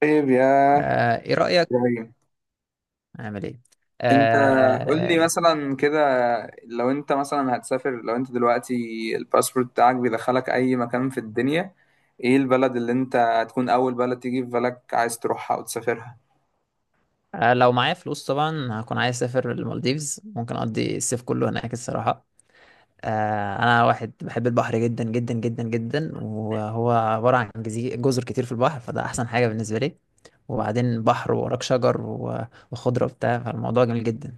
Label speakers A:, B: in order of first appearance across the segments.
A: طيب يا
B: ايه رأيك
A: إبراهيم،
B: اعمل ايه؟
A: أنت قول
B: آه،
A: لي مثلا كده، لو أنت مثلا هتسافر، لو أنت دلوقتي الباسبورت بتاعك بيدخلك أي مكان في الدنيا، إيه البلد اللي أنت هتكون أول بلد تيجي في بالك عايز تروحها وتسافرها؟
B: لو معايا فلوس طبعا هكون عايز اسافر المالديفز، ممكن اقضي الصيف كله هناك الصراحة. انا واحد بحب البحر جدا جدا جدا جدا، وهو عبارة عن جزر كتير في البحر، فده احسن حاجة بالنسبة لي. وبعدين بحر ووراك شجر و- وخضرة وبتاع، فالموضوع جميل جدا.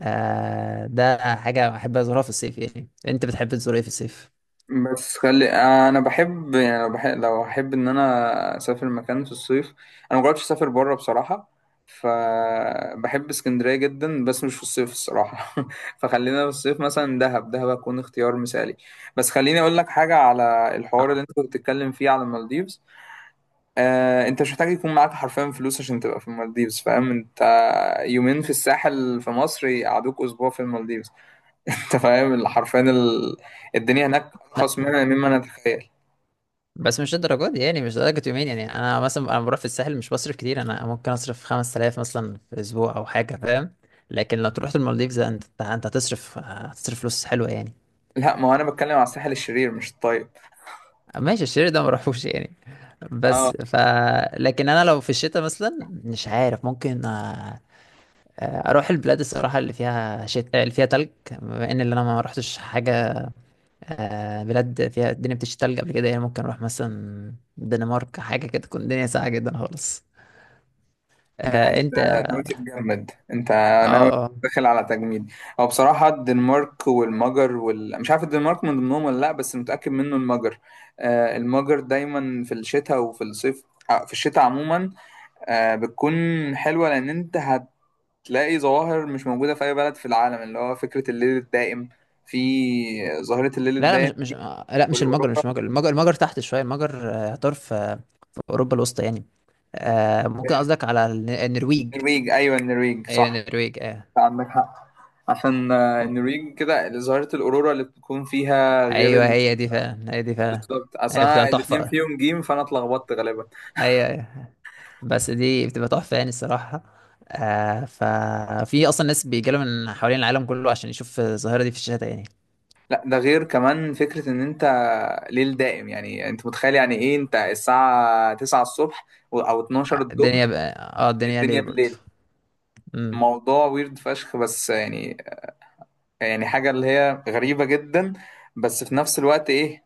B: ده حاجة بحب ازورها في الصيف، يعني انت بتحب تزور ايه في الصيف؟
A: بس خلي انا بحب، يعني لو بحب، لو احب ان انا اسافر مكان في الصيف، انا مجربتش اسافر بره بصراحه. فبحب اسكندريه جدا بس مش في الصيف الصراحه. فخلينا في الصيف مثلا دهب هتكون اختيار مثالي. بس خليني اقول لك حاجه على
B: آه،
A: الحوار اللي انت كنت بتتكلم فيه على المالديفز. انت مش محتاج يكون معاك حرفيا فلوس عشان تبقى في المالديفز، فاهم انت؟ يومين في الساحل في مصر يقعدوك اسبوع في المالديفز. انت فاهم اللي حرفيا الدنيا هناك
B: لا،
A: ارخص منها مما نتخيل.
B: بس مش الدرجات دي، يعني مش درجة يومين، يعني انا مثلا، بروح في الساحل مش بصرف كتير، انا ممكن اصرف 5000 مثلا في اسبوع او حاجة، فاهم؟ لكن لو تروح المالديفز انت هتصرف فلوس حلوة يعني.
A: لا، ما هو انا بتكلم على الساحل الشرير مش الطيب.
B: ماشي، الشير ده ما بروحوش يعني.
A: اه،
B: بس ف لكن انا لو في الشتاء مثلا، مش عارف، ممكن اروح البلاد الصراحة اللي فيها تلج. بما ان اللي انا ما رحتش حاجة. بلاد فيها الدنيا بتشتي تلج قبل كده، يعني ممكن اروح مثلا الدنمارك، حاجة كده تكون الدنيا ساقعة جدا خالص.
A: ده
B: آه،
A: انت
B: انت
A: ناوي تتجمد انت، ناوي
B: اه، اه.
A: داخل على تجميد. هو بصراحة الدنمارك والمجر مش عارف الدنمارك من ضمنهم ولا لا، بس متأكد منه المجر. المجر دايما في الشتاء وفي الصيف، في الشتاء عموما بتكون حلوة لأن انت هتلاقي ظواهر مش موجودة في أي بلد في العالم، اللي هو فكرة الليل الدائم، في ظاهرة الليل
B: لا، لا، مش
A: الدائم.
B: مش آه، لا مش المجر،
A: والاوروبا
B: المجر تحت شويه. المجر يعتبر في في اوروبا الوسطى يعني. آه، ممكن
A: فين؟
B: قصدك على النرويج.
A: النرويج، ايوه النرويج
B: ايوه
A: صح،
B: النرويج، اه.
A: عندك حق. عشان النرويج كده ظاهرة الأورورا اللي بتكون فيها غير
B: ايوه، هي دي فعلا، هي دي فعلا.
A: بالظبط. أصل
B: هي
A: أنا
B: بتبقى
A: الاتنين
B: تحفه.
A: فيهم جيم فأنا اتلخبطت غالبا.
B: ايوه، ايوه. بس دي بتبقى تحفه يعني الصراحه. آه، ففي اصلا ناس بيجيلهم من حوالين العالم كله عشان يشوف الظاهره دي في الشتاء يعني.
A: لا ده غير كمان فكرة إن أنت ليل دائم، يعني أنت متخيل يعني إيه أنت الساعة 9 الصبح أو 12
B: الدنيا
A: الظهر
B: بقى. اه، الدنيا
A: الدنيا
B: ليل برضه.
A: بالليل؟
B: امم
A: موضوع ويرد فشخ بس، يعني يعني حاجة اللي هي غريبة جدا، بس في نفس الوقت إيه،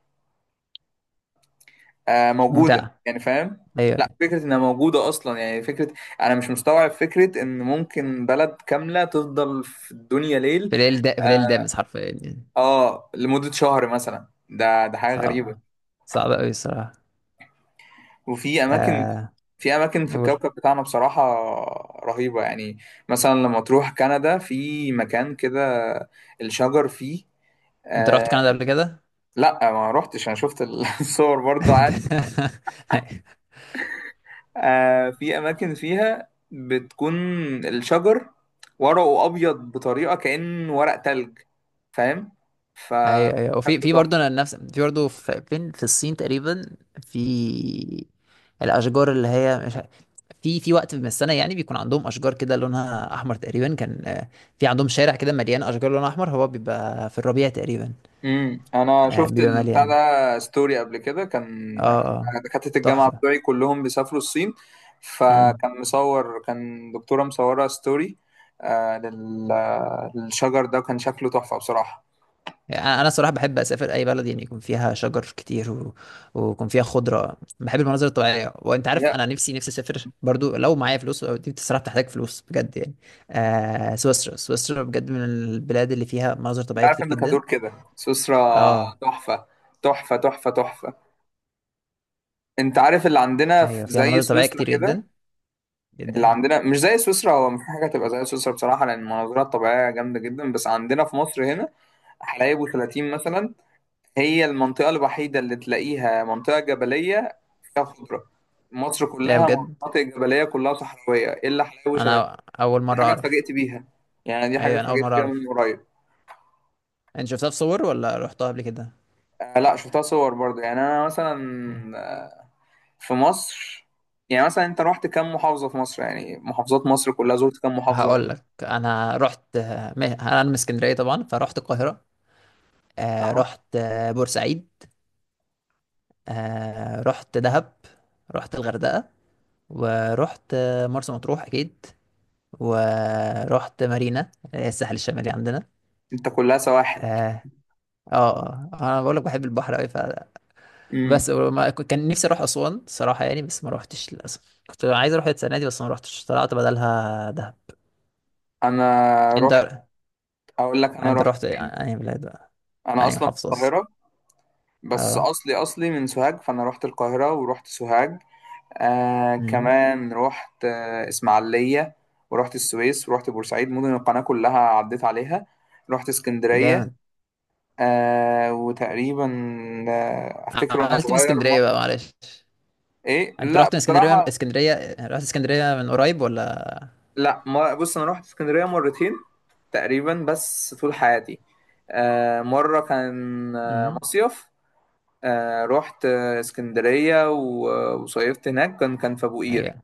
A: موجوده
B: ممتعه.
A: يعني، فاهم؟ لا
B: ايوه.
A: فكره انها موجوده اصلا يعني فكره، انا مش مستوعب فكره ان ممكن بلد كامله تفضل في الدنيا ليل.
B: في ليل
A: اه,
B: دامس حرفيا يعني.
A: لمده شهر مثلا، ده حاجه غريبه.
B: صعب، صعب أوي الصراحة.
A: وفي اماكن،
B: آه،
A: في اماكن في
B: قول.
A: الكوكب بتاعنا بصراحه رهيبه يعني. مثلا لما تروح كندا في مكان كده الشجر فيه
B: أنت رحت
A: آه
B: كندا قبل كده؟
A: لا ما روحتش، انا شفت الصور برضو. في اماكن فيها بتكون الشجر ورقه ابيض بطريقه كأن ورق تلج، فاهم؟ ف
B: أيوه، أيوه. وفي
A: شكله
B: في برضه
A: تحفه.
B: أنا نفس في برضه فين، في الصين تقريبا. في الأشجار اللي هي مش ع- في وقت من السنة، يعني بيكون عندهم أشجار كده لونها أحمر تقريبا كان، في عندهم شارع كده مليان أشجار لونها أحمر، هو بيبقى في الربيع تقريبا.
A: امم، انا شفت
B: بيبقى
A: البتاع
B: مليان.
A: ده ستوري قبل كده، كان
B: اه، اه،
A: دكاتره الجامعه
B: تحفة.
A: بتوعي كلهم بيسافروا الصين، فكان مصور، كان دكتوره مصوره ستوري آه لل... للشجر ده، وكان شكله تحفه بصراحه.
B: يعني انا صراحه بحب اسافر اي بلد يعني يكون فيها شجر كتير ويكون فيها خضره، بحب المناظر الطبيعيه. وانت عارف
A: يا
B: انا نفسي اسافر برضو، لو معايا فلوس، أو دي بصراحه بتحتاج فلوس بجد يعني. آه، سويسرا بجد من البلاد اللي فيها مناظر
A: انت
B: طبيعيه
A: عارف
B: كتير
A: انك
B: جدا.
A: هتقول كده؟ سويسرا
B: اه،
A: تحفه. انت عارف اللي عندنا في
B: ايوه، فيها
A: زي
B: مناظر طبيعيه
A: سويسرا
B: كتير
A: كده؟
B: جدا جدا
A: اللي
B: يعني.
A: عندنا مش زي سويسرا، هو مفيش حاجه تبقى زي سويسرا بصراحه لان المناظرة الطبيعيه جامده جدا، بس عندنا في مصر هنا حلايب و30 مثلا، هي المنطقه الوحيده اللي تلاقيها منطقه جبليه فيها خضره. مصر
B: لا
A: كلها
B: بجد،
A: مناطق جبليه، كلها صحراويه الا حلايب و30.
B: انا اول
A: دي
B: مره
A: حاجه
B: اعرف.
A: اتفاجئت بيها، يعني دي حاجه
B: ايوه، انا اول
A: اتفاجئت
B: مره
A: بيها
B: اعرف.
A: من قريب.
B: انت شفتها في صور ولا رحتها قبل كده؟
A: لا شفتها صور برضه. يعني انا مثلا
B: إيه.
A: آه، في مصر، يعني مثلا انت رحت كام محافظه في مصر؟ يعني محافظات مصر كلها زرت كام محافظه؟
B: هقول لك. انا من اسكندريه طبعا، فرحت القاهره.
A: اهو.
B: رحت، بورسعيد. رحت دهب. رحت الغردقة. ورحت مرسى مطروح أكيد. ورحت مارينا اللي هي الساحل الشمالي عندنا.
A: انت كلها سواحل.
B: اه، اه، آه. انا بقول لك بحب البحر قوي.
A: امم،
B: بس ما كنت- كان نفسي اروح اسوان صراحه يعني، بس ما روحتش للاسف، كنت عايز اروح السنه دي بس ما روحتش، طلعت بدلها دهب.
A: انا رحت،
B: انت
A: اقول لك انا
B: انت
A: رحت
B: رحت
A: فين.
B: اي بلاد بقى؟
A: انا
B: اي
A: اصلا من
B: محافظه؟
A: القاهره بس
B: اه.
A: اصلي اصلي من سوهاج، فانا رحت القاهره ورحت سوهاج،
B: أمم.
A: كمان رحت اسماعيليه، ورحت السويس ورحت بورسعيد، مدن القناه كلها عديت عليها. رحت اسكندريه
B: جامد.
A: وتقريبا افتكر وانا
B: عملت إيه في
A: صغير ما...
B: اسكندريه بقى، معلش؟
A: ايه
B: انت
A: لا
B: رحت اسكندريه؟
A: بصراحه.
B: رحت اسكندريه من قريب ولا؟
A: لا ما، بص انا رحت اسكندريه مرتين تقريبا بس طول حياتي. مره كان
B: امم
A: مصيف رحت اسكندريه وصيفت هناك، كان في ابو قير.
B: هي،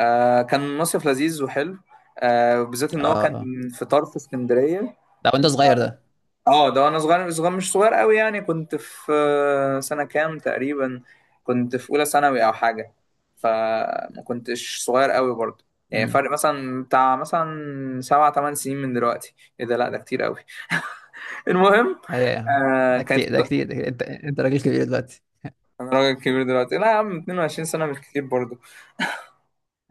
A: كان مصيف لذيذ وحلو، بالذات ان
B: اه،
A: هو كان
B: آه.
A: في طرف اسكندريه.
B: ده وانت صغير ده؟
A: اه ده انا صغير، صغير مش صغير قوي يعني، كنت في سنة كام تقريبا، كنت في اولى ثانوي او حاجة. فما كنتش صغير قوي برضه، يعني
B: امم
A: فرق مثلا بتاع مثلا سبع تمن سنين من دلوقتي، ايه ده لا ده كتير قوي. المهم
B: هي. ده
A: كانت.
B: كتير، ده كتير، ده كتير. انت راجل كبير دلوقتي.
A: انا راجل كبير دلوقتي؟ لا يا عم، 22 سنة مش كتير برضه.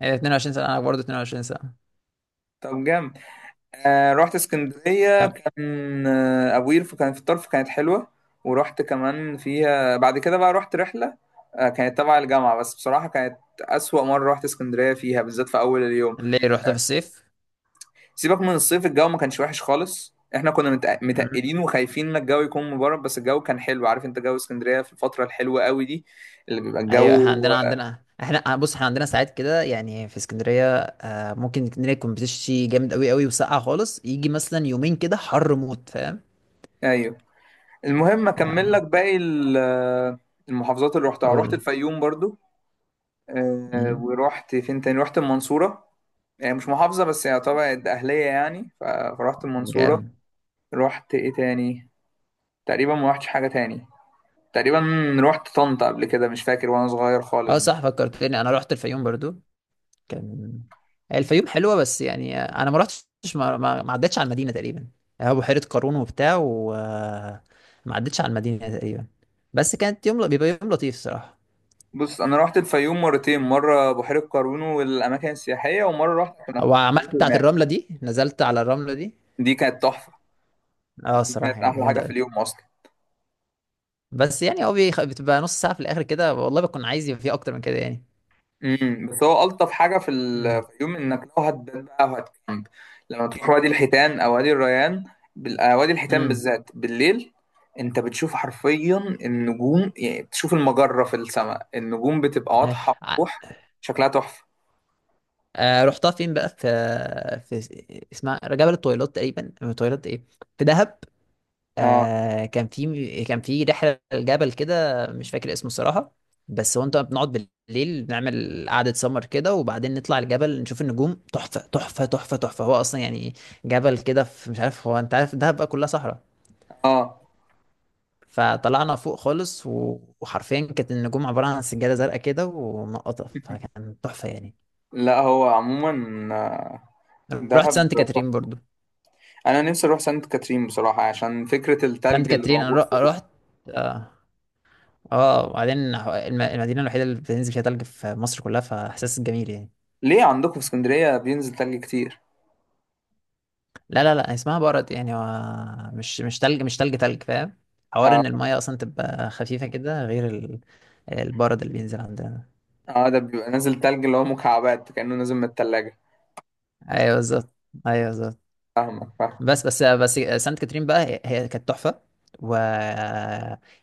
B: هي 22 سنه، انا برضه 22 سنه.
A: طب جامد. رحت اسكندرية،
B: كم؟
A: كان أبو قير كان في الطرف، كانت حلوة. ورحت كمان فيها بعد كده، بقى رحت رحلة كانت تبع الجامعة، بس بصراحة كانت أسوأ مرة رحت اسكندرية فيها، بالذات في أول اليوم.
B: ليه رحت في الصيف؟
A: سيبك من الصيف، الجو ما كانش وحش خالص، احنا كنا
B: امم
A: متقلين وخايفين ان الجو يكون مبرد، بس الجو كان حلو، عارف انت جو اسكندرية في الفترة الحلوة قوي دي، اللي بيبقى
B: ايوه.
A: الجو،
B: احنا عندنا، احنا، بص، احنا عندنا ساعات كده يعني، في اسكندريه آه ممكن اسكندريه يكون بتشتي جامد قوي قوي وسقعه خالص، يجي مثلا يومين كده حر موت، فاهم؟
A: ايوه. المهم اكمل لك
B: ف-
A: باقي المحافظات اللي رحتها. رحت
B: قول.
A: الفيوم برضو
B: امم
A: ورحت فين تاني، رحت المنصورة، يعني مش محافظة بس يعتبر ده أهلية يعني، فرحت المنصورة.
B: جامد.
A: رحت إيه تاني؟ تقريبا ما رحتش حاجة تاني تقريبا. رحت طنطا قبل كده مش فاكر وأنا صغير
B: اه
A: خالص دي.
B: صح، فكرتني، انا رحت الفيوم برضو. كان الفيوم حلوة بس يعني انا ما رحتش، ما عدتش على المدينة تقريبا. هو بحيرة قارون وبتاع، وما عدتش على المدينة تقريبا. بس كانت يوم بيبقى يوم لطيف الصراحة.
A: بص أنا رحت الفيوم مرتين، مرة بحيرة قارون والأماكن السياحية، ومرة رحت كان أخويا
B: وعملت
A: في
B: بتاعة
A: هناك.
B: الرملة دي، نزلت على الرملة دي.
A: دي كانت تحفة.
B: اه
A: دي
B: الصراحة
A: كانت
B: يعني
A: أحلى حاجة
B: جامدة
A: في
B: أوي.
A: اليوم أصلا.
B: بس يعني هو بتبقى نص ساعة في الآخر كده، والله بكون عايز يبقى فيه أكتر من كده يعني.
A: امم، بس هو الطف حاجه في
B: امم
A: الفيوم انك لو هتبات بقى وهتكامب لما تروح وادي الحيتان او وادي الريان، وادي الحيتان
B: امم
A: بالذات بالليل انت بتشوف حرفيا النجوم، يعني بتشوف المجره في السماء، النجوم بتبقى
B: أي.
A: واضحه
B: ع-
A: وضوح، شكلها تحفه.
B: آه، رحتها فين بقى؟ في، في اسمها جبل الطويلات تقريبا، الطويلات ايه، في دهب.
A: اه
B: آه، كان في رحله الجبل كده مش فاكر اسمه الصراحه. بس هو، انت، بنقعد بالليل بنعمل قعده سمر كده، وبعدين نطلع الجبل نشوف النجوم، تحفه، تحفه، تحفه، تحفه، هو اصلا يعني جبل كده في، مش عارف، هو انت عارف دهب بقى كلها صحراء.
A: اه.
B: فطلعنا فوق خالص و- وحرفيا كانت النجوم عباره عن سجاده زرقاء كده ومنقطه، فكان تحفه يعني.
A: لا هو عموما،
B: رحت
A: دهب
B: سانت كاترين
A: تحفة.
B: برضو.
A: انا نفسي اروح سانت كاترين بصراحه عشان فكره
B: سانت
A: التلج اللي
B: كاترين انا
A: موجود فوق.
B: رحت. اه، اه. وبعدين المدينه الوحيده اللي بتنزل فيها تلج في مصر كلها، فاحساس جميل يعني.
A: ليه عندكم في اسكندريه بينزل تلج كتير؟
B: لا، لا، لا، اسمها برد يعني، هو مش مش تلج مش تلج، تلج فاهم، حوار
A: آه.
B: ان المية اصلا تبقى خفيفة كده، غير البرد اللي بينزل عندنا.
A: اه ده بيبقى نازل تلج اللي هو مكعبات كأنه نازل من التلاجة.
B: ايوه بالظبط. ايوه بالظبط.
A: فاهمك، فاهم.
B: بس سانت كاترين بقى، هي كانت تحفة. و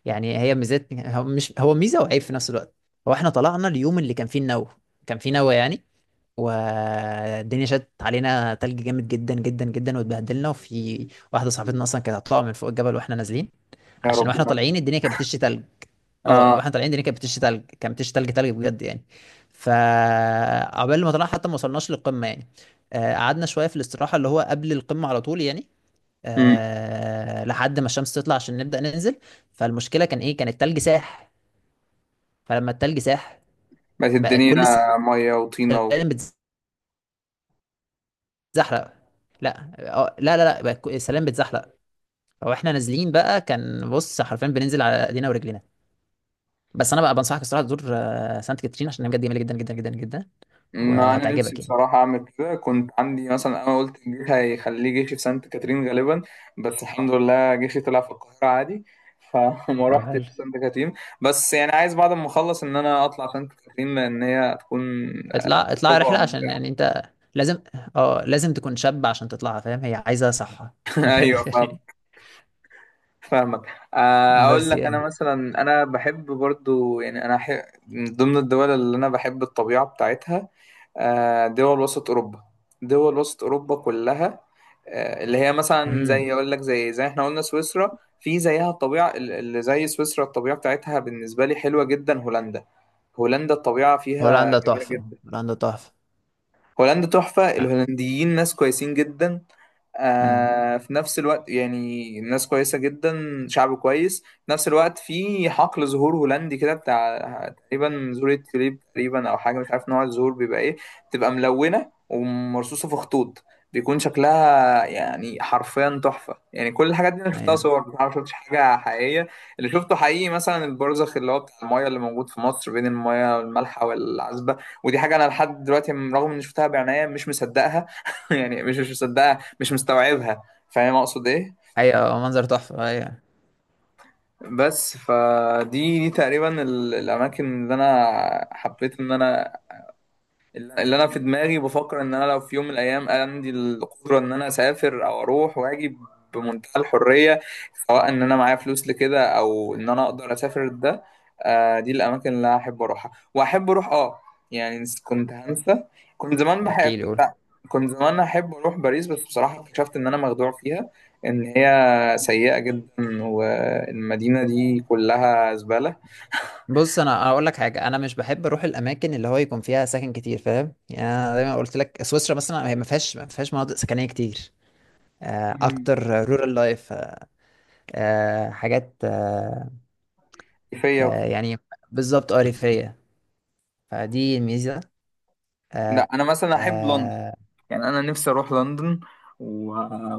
B: يعني هي ميزات، هو مش، هو ميزة وعيب في نفس الوقت. هو احنا طلعنا اليوم اللي كان فيه النوة، كان فيه نوة يعني، والدنيا شدت علينا تلج جامد جدا جدا جدا واتبهدلنا، وفي واحدة صاحبتنا اصلا كانت هتطلع من فوق الجبل واحنا نازلين،
A: يا
B: عشان واحنا
A: ربنا.
B: طالعين الدنيا كانت بتشتي تلج. اه،
A: اه.
B: واحنا طالعين الدنيا كانت بتشتي تلج، كانت بتشتي تلج، تلج بجد يعني. فعقبال ما طلعنا حتى ما وصلناش للقمة يعني، قعدنا شويه في الاستراحه اللي هو قبل القمه على طول يعني،
A: امم.
B: آه، لحد ما الشمس تطلع عشان نبدأ ننزل. فالمشكلة كان ايه، كان التلج ساح. فلما التلج ساح،
A: بقت
B: بقى
A: الدنيا
B: كل
A: مية وطينة
B: السلالم بتزحلق. لا، لا، لا، لا، بقى السلالم بتزحلق. فاحنا نازلين بقى كان، بص، حرفيا بننزل على ايدينا ورجلينا. بس انا بقى بنصحك الصراحة تزور سانت كاترين، عشان هي بجد جميلة جدا جدا جدا جدا
A: ما أنا نفسي
B: وهتعجبك يعني.
A: بصراحة أعمل كده، كنت عندي مثلا أنا قلت الجيش هيخليه جيشي في سانت كاترين غالبا، بس الحمد لله جيشي طلع في القاهرة عادي. فما
B: طب
A: رحتش
B: حلو.
A: سانت كاترين. بس يعني عايز بعد ما أخلص إن أنا أطلع سانت كاترين لأن هي هتكون
B: اطلع، اطلع
A: تجربة
B: رحلة، عشان
A: ممتعة.
B: يعني انت لازم، اه، لازم تكون شاب عشان تطلعها، فاهم، هي عايزة صحة من الآخر
A: أيوه
B: يعني.
A: فاهمك. اقول
B: بس
A: لك انا
B: يعني،
A: مثلا، انا بحب برضو يعني من ضمن الدول اللي انا بحب الطبيعه بتاعتها دول وسط اوروبا، دول وسط اوروبا كلها اللي هي مثلا زي،
B: امم
A: اقول لك، زي احنا قلنا سويسرا في زيها الطبيعه اللي زي سويسرا الطبيعه بتاعتها بالنسبه لي حلوه جدا. هولندا، هولندا الطبيعه فيها
B: هولندا
A: جميله
B: تحفة،
A: جدا.
B: هولندا تحفة.
A: هولندا تحفه، الهولنديين ناس كويسين جدا،
B: امم
A: في نفس الوقت يعني الناس كويسة جدا، شعب كويس. في نفس الوقت في حقل زهور هولندي كده بتاع تقريبا زهورة توليب تقريبا أو حاجة، مش عارف نوع الزهور بيبقى إيه، بتبقى ملونة ومرصوصة في خطوط، بيكون شكلها يعني حرفيا تحفة. يعني كل الحاجات دي أنا شفتها
B: ايوه،
A: صور بصراحة، ما شفتش حاجة حقيقية. اللي شفته حقيقي مثلا البرزخ، اللي هو بتاع المايه، اللي موجود في مصر بين المايه المالحة والعذبة، ودي حاجة أنا لحد دلوقتي رغم إني شفتها بعناية مش مصدقها. يعني مش مصدقها، مش مستوعبها، فاهم اقصد ايه؟
B: ايوه، منظر تحفة، ايوه.
A: بس فدي، دي تقريبا الاماكن اللي انا حبيت ان انا، اللي انا في دماغي بفكر ان انا لو في يوم من الايام عندي القدره ان انا اسافر او اروح واجي بمنتهى الحريه، سواء ان انا معايا فلوس لكده او ان انا اقدر اسافر ده. دي الاماكن اللي أنا احب اروحها واحب اروح، اه يعني كنت هنسى. كنت زمان بحب،
B: احكي لي، قول.
A: كنت، كنت زمان احب اروح باريس، بس بصراحه اكتشفت ان انا مخدوع فيها، ان هي سيئه جدا والمدينه دي كلها زباله.
B: بص انا اقول لك حاجة، انا مش بحب اروح الاماكن اللي هو يكون فيها سكن كتير، فاهم؟ يعني انا دايما قلت لك سويسرا مثلا هي ما فيهاش مناطق سكنية كتير.
A: مم.
B: اكتر رورال لايف، حاجات،
A: فيا وكده.
B: يعني بالظبط اريفية، فدي الميزة.
A: لا
B: آه،
A: انا مثلا احب لندن،
B: آه،
A: يعني انا نفسي اروح لندن و...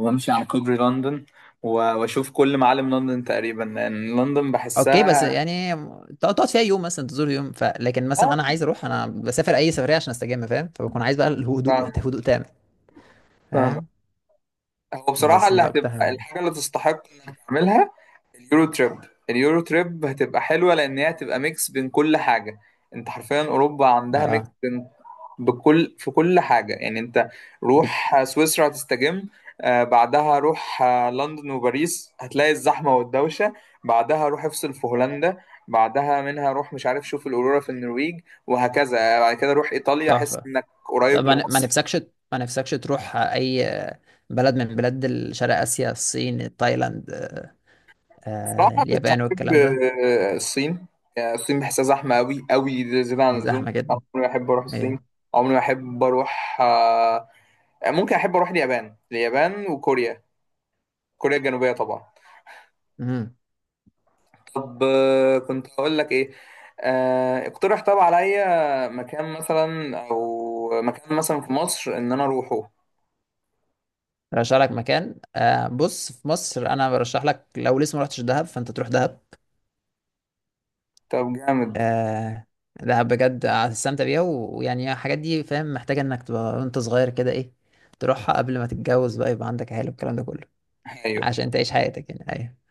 A: وامشي على كوبري لندن واشوف كل معالم لندن تقريبا، لان لندن
B: اوكي بس
A: بحسها،
B: يعني تقعد، فيها يوم مثلا، تزور يوم، لكن
A: اه
B: مثلا انا عايز اروح، بسافر اي سفريه عشان استجم، فاهم؟ فبكون عايز بقى الهدوء،
A: فاهم،
B: هدوء تام،
A: فاهم.
B: فاهم؟
A: هو بصراحة
B: بس
A: اللي
B: ده اكتر
A: هتبقى
B: حاجه.
A: الحاجة اللي تستحق انك تعملها اليورو تريب. اليورو تريب هتبقى حلوه لان هي هتبقى ميكس بين كل حاجه. انت حرفيا اوروبا عندها ميكس
B: اه
A: بين، بكل، في كل حاجه. يعني انت
B: دي
A: روح سويسرا هتستجم، بعدها روح لندن وباريس هتلاقي الزحمه والدوشه، بعدها روح افصل في هولندا، بعدها منها روح، مش عارف، شوف الاورورا في النرويج، وهكذا، بعد كده روح ايطاليا احس
B: تحفه.
A: انك
B: ده
A: قريب
B: ما
A: لمصر.
B: نفسكش تروح اي بلد من بلاد شرق اسيا؟ الصين، تايلاند،
A: بصراحة مش
B: اليابان
A: هحب
B: والكلام ده.
A: الصين، يعني الصين بحسها زحمة، أوي زيادة عن
B: هي
A: اللزوم.
B: زحمه
A: أنا
B: جدا.
A: عمري ما أحب أروح الصين،
B: ايه؟
A: عمري ما أحب أروح ممكن أحب أروح اليابان، وكوريا، كوريا الجنوبية طبعا.
B: امم
A: طب كنت هقول لك إيه، اقترح طب عليا مكان مثلا أو مكان مثلا في مصر إن أنا أروحه.
B: برشح لك مكان، آه، بص في مصر انا برشح لك، لو لسه ما رحتش دهب فانت تروح دهب.
A: طب جامد.
B: آه لا بجد، هتستمتع بيها و- ويعني الحاجات دي، فاهم، محتاجة انك تبقى وانت صغير كده، ايه، تروحها قبل ما تتجوز بقى يبقى عندك عيال والكلام ده كله،
A: أيوه.
B: عشان تعيش حياتك يعني. أيوه.